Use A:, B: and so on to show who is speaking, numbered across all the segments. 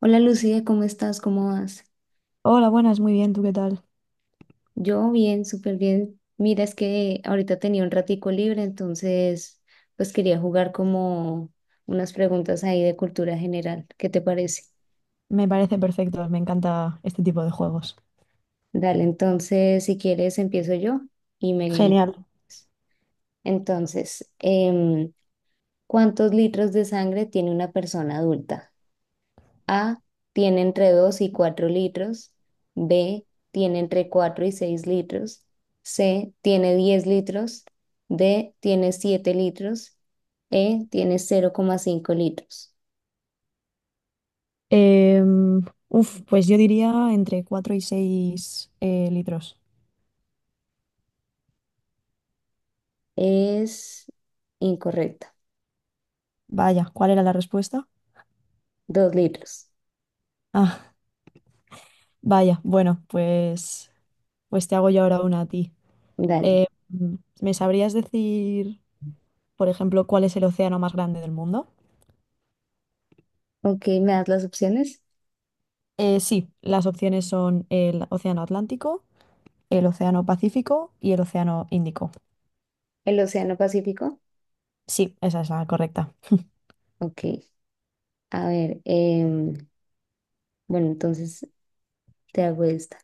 A: Hola Lucía, ¿cómo estás? ¿Cómo vas?
B: Hola, buenas, muy bien, ¿tú qué tal?
A: Yo bien, súper bien. Mira, es que ahorita tenía un ratico libre, entonces pues quería jugar como unas preguntas ahí de cultura general. ¿Qué te parece?
B: Me parece perfecto, me encanta este tipo de juegos.
A: Dale, entonces si quieres empiezo yo y me...
B: Genial.
A: Entonces, ¿cuántos litros de sangre tiene una persona adulta? A. Tiene entre 2 y 4 litros. B. Tiene entre 4 y 6 litros. C. Tiene 10 litros. D. Tiene 7 litros. E. Tiene 0,5 litros.
B: Em, Uf, pues yo diría entre 4 y 6 litros.
A: Es incorrecta.
B: Vaya, ¿cuál era la respuesta?
A: 2 litros.
B: Ah, vaya, bueno, pues, pues te hago yo ahora una a ti.
A: Dale.
B: Em, ¿Me sabrías decir, por ejemplo, cuál es el océano más grande del mundo?
A: Ok, ¿me das las opciones?
B: Sí, las opciones son el océano Atlántico, el océano Pacífico y el océano Índico.
A: ¿El Océano Pacífico?
B: Sí, esa es la correcta.
A: Ok. A ver, bueno, entonces te hago esta.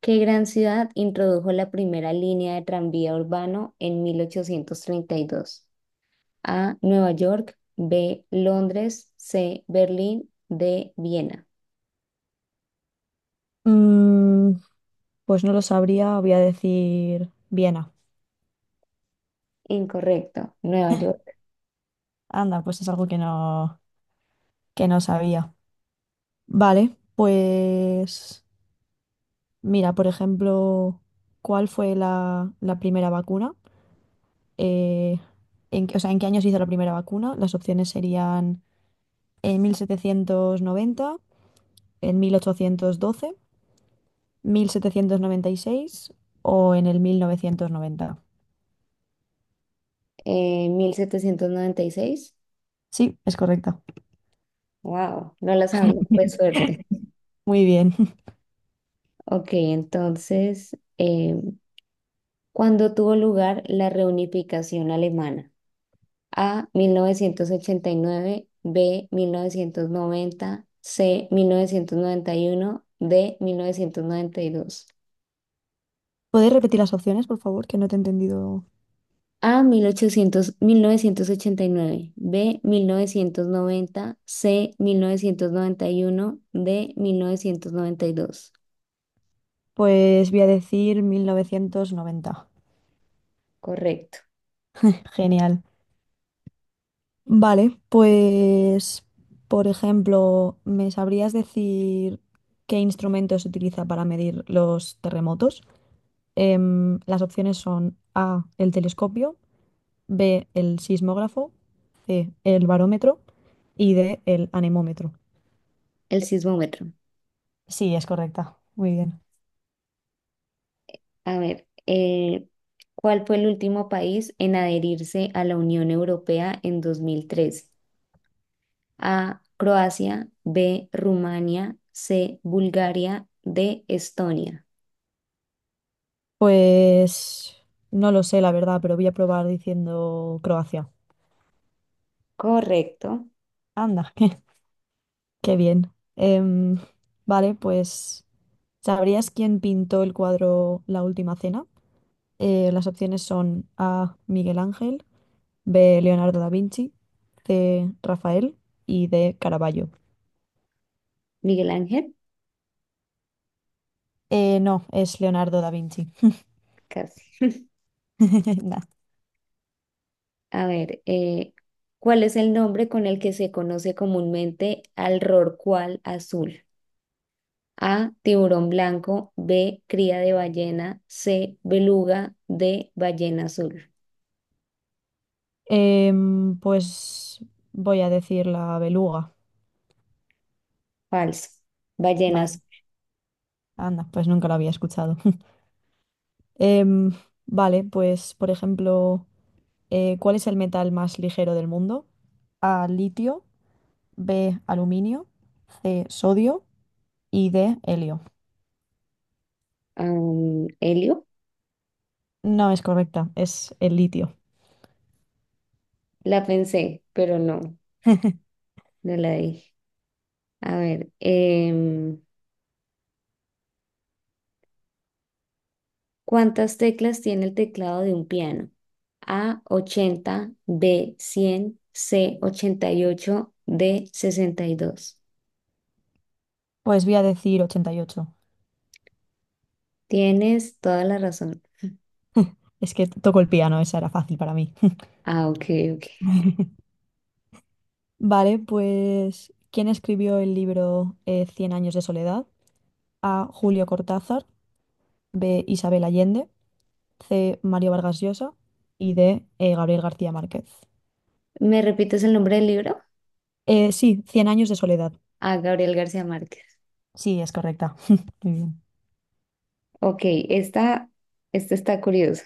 A: ¿Qué gran ciudad introdujo la primera línea de tranvía urbano en 1832? A. Nueva York. B. Londres. C. Berlín. D. Viena.
B: Mm, pues no lo sabría, voy a decir Viena.
A: Incorrecto. Nueva York.
B: Anda, pues es algo que no sabía. Vale, pues mira, por ejemplo, ¿cuál fue la primera vacuna? Eh, ¿En qué año se hizo la primera vacuna? Las opciones serían en 1790, en mil ochocientos doce, 1796 o en el 1990.
A: Mil setecientos noventa y seis.
B: Sí, es correcta.
A: Wow, no la sabía. Pues suerte.
B: Muy bien.
A: Ok, entonces, ¿cuándo tuvo lugar la reunificación alemana? A, 1989. B, 1990. C, 1991. D, 1992.
B: ¿Puedes repetir las opciones, por favor? Que no te he entendido.
A: A, 1989. B, mil novecientos noventa. C, mil novecientos noventa y uno. D, mil novecientos noventa y dos.
B: Pues voy a decir 1990.
A: Correcto,
B: Genial. Vale, pues, por ejemplo, ¿me sabrías decir qué instrumento se utiliza para medir los terremotos? Las opciones son A, el telescopio, B, el sismógrafo, C, el barómetro y D, el anemómetro.
A: el sismómetro.
B: Sí, es correcta. Muy bien.
A: A ver, ¿cuál fue el último país en adherirse a la Unión Europea en 2013? A, Croacia. B, Rumania. C, Bulgaria. D, Estonia.
B: Pues no lo sé, la verdad, pero voy a probar diciendo Croacia.
A: Correcto.
B: Anda, qué, qué bien. Em, vale, pues ¿sabrías quién pintó el cuadro La Última Cena? Las opciones son A. Miguel Ángel, B. Leonardo da Vinci, C. Rafael y D. Caravaggio.
A: Miguel Ángel,
B: No, es Leonardo da Vinci.
A: casi.
B: Nah.
A: A ver, ¿cuál es el nombre con el que se conoce comúnmente al rorcual azul? A, tiburón blanco. B, cría de ballena. C, beluga. D, ballena azul.
B: Pues voy a decir la beluga.
A: Falso.
B: Vale,
A: Ballenas.
B: anda, pues nunca lo había escuchado. Em, vale, pues por ejemplo, ¿cuál es el metal más ligero del mundo? A, litio, B, aluminio, C, sodio y D, helio.
A: ¿Helio?
B: No es correcta, es el litio.
A: La pensé, pero no, no la dije. A ver, ¿cuántas teclas tiene el teclado de un piano? A, 80. B, 100. C, 88. D, 62.
B: Pues voy a decir 88.
A: Tienes toda la razón.
B: Es que toco el piano, esa era fácil para mí.
A: Ah, ok, ok.
B: Vale, pues ¿quién escribió el libro 100 años de soledad? A, Julio Cortázar, B, Isabel Allende, C, Mario Vargas Llosa y D, Gabriel García Márquez.
A: ¿Me repites el nombre del libro?
B: Sí, 100 años de soledad.
A: A, Gabriel García Márquez.
B: Sí, es correcta. Muy bien.
A: Ok, esta, esta está curiosa.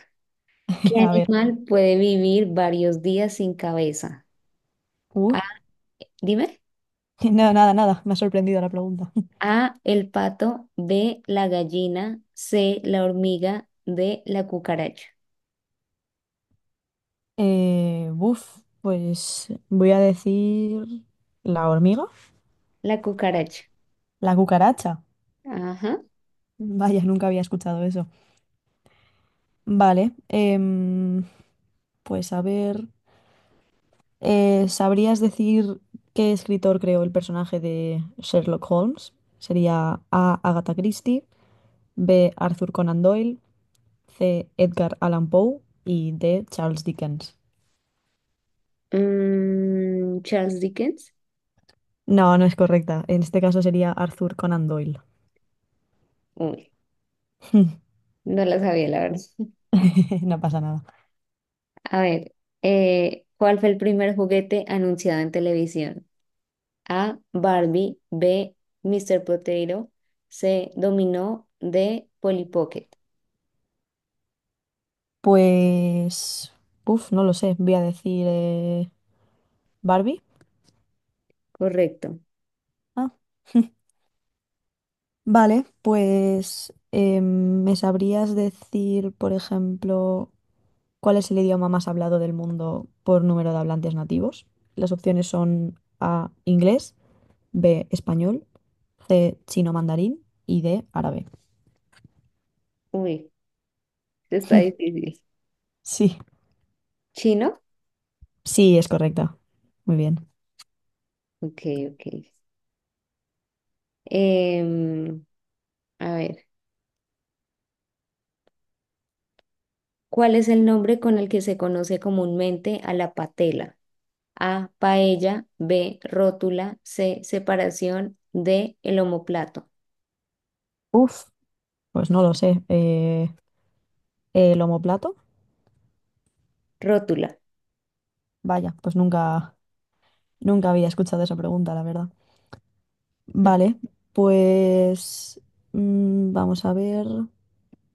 A: ¿Qué
B: A ver.
A: animal puede vivir varios días sin cabeza?
B: Uh,
A: A, dime.
B: nada, nada, nada. Me ha sorprendido la pregunta.
A: A, el pato. B, la gallina. C, la hormiga. D, la cucaracha.
B: Buf, pues voy a decir la hormiga,
A: La cucaracha.
B: la cucaracha.
A: Ajá.
B: Vaya, nunca había escuchado eso. Vale. Pues a ver. ¿Sabrías decir qué escritor creó el personaje de Sherlock Holmes? Sería A. Agatha Christie, B. Arthur Conan Doyle, C. Edgar Allan Poe y D. Charles Dickens.
A: Charles Dickens.
B: No, no es correcta. En este caso sería Arthur Conan Doyle.
A: Uy, no la sabía, la verdad.
B: No pasa nada.
A: A ver, ¿cuál fue el primer juguete anunciado en televisión? A. Barbie. B. Mr. Potato. C. Dominó. D. Polly Pocket.
B: Pues, uf, no lo sé. Voy a decir Barbie.
A: Correcto.
B: Ah. Vale, pues ¿me sabrías decir, por ejemplo, cuál es el idioma más hablado del mundo por número de hablantes nativos? Las opciones son A, inglés, B, español, C, chino mandarín y D, árabe.
A: Uy, esto está difícil.
B: Sí,
A: ¿Chino?
B: sí, es correcta. Muy bien.
A: Ok, ok. Em, a ver, ¿cuál es el nombre con el que se conoce comúnmente a la patela? A, paella. B, rótula. C, separación. D, el omóplato.
B: Uf. Pues no lo sé. ¿El omoplato?
A: Rótula.
B: Vaya, pues nunca, nunca había escuchado esa pregunta, la verdad. Vale, pues mm, vamos a ver.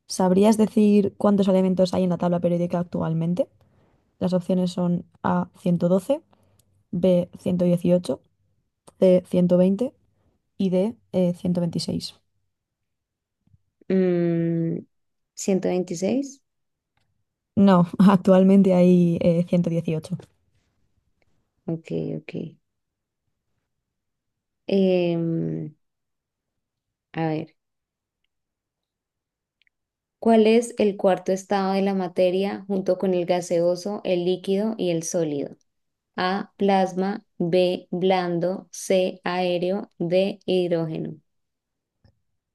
B: ¿Sabrías decir cuántos elementos hay en la tabla periódica actualmente? Las opciones son A 112, B 118, C 120 y D 126.
A: Mm, ciento veintiséis.
B: No, actualmente hay 118.
A: Ok, ok. Em, a ver, ¿cuál es el cuarto estado de la materia junto con el gaseoso, el líquido y el sólido? A, plasma. B, blando. C, aéreo. D, hidrógeno.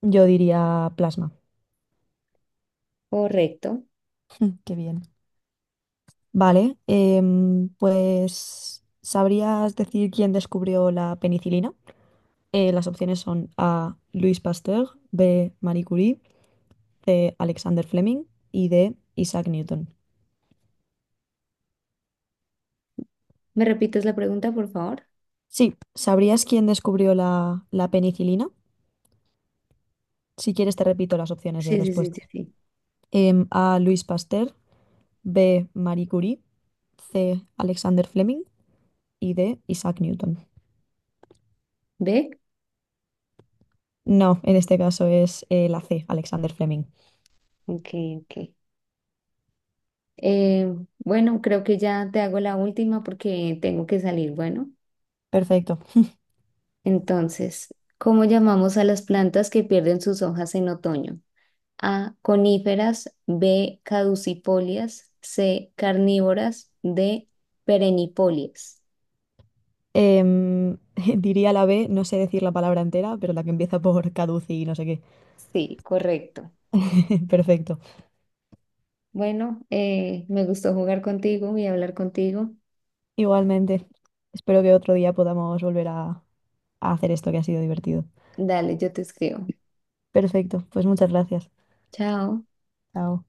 B: Yo diría plasma.
A: Correcto.
B: Qué bien. Vale, pues ¿sabrías decir quién descubrió la penicilina? Las opciones son A. Louis Pasteur, B. Marie Curie, C. Alexander Fleming y D. Isaac Newton.
A: ¿Me repites la pregunta, por favor?
B: Sí, ¿sabrías quién descubrió la penicilina? Si quieres te repito las opciones de
A: Sí, sí, sí,
B: respuesta.
A: sí, sí.
B: A. Louis Pasteur, B. Marie Curie, C. Alexander Fleming y D. Isaac Newton.
A: ¿B?
B: No, en este caso es la C, Alexander Fleming.
A: Ok, ok. Eh, bueno, creo que ya te hago la última porque tengo que salir. Bueno,
B: Perfecto.
A: entonces, ¿cómo llamamos a las plantas que pierden sus hojas en otoño? A. Coníferas. B. Caducifolias. C. Carnívoras. D. Perennifolias.
B: Em, Diría la B, no sé decir la palabra entera, pero la que empieza por caduci y no sé qué.
A: Sí, correcto.
B: Perfecto.
A: Bueno, me gustó jugar contigo y hablar contigo.
B: Igualmente, espero que otro día podamos volver a hacer esto que ha sido divertido.
A: Dale, yo te escribo.
B: Perfecto, pues muchas gracias.
A: Chao.
B: Chao.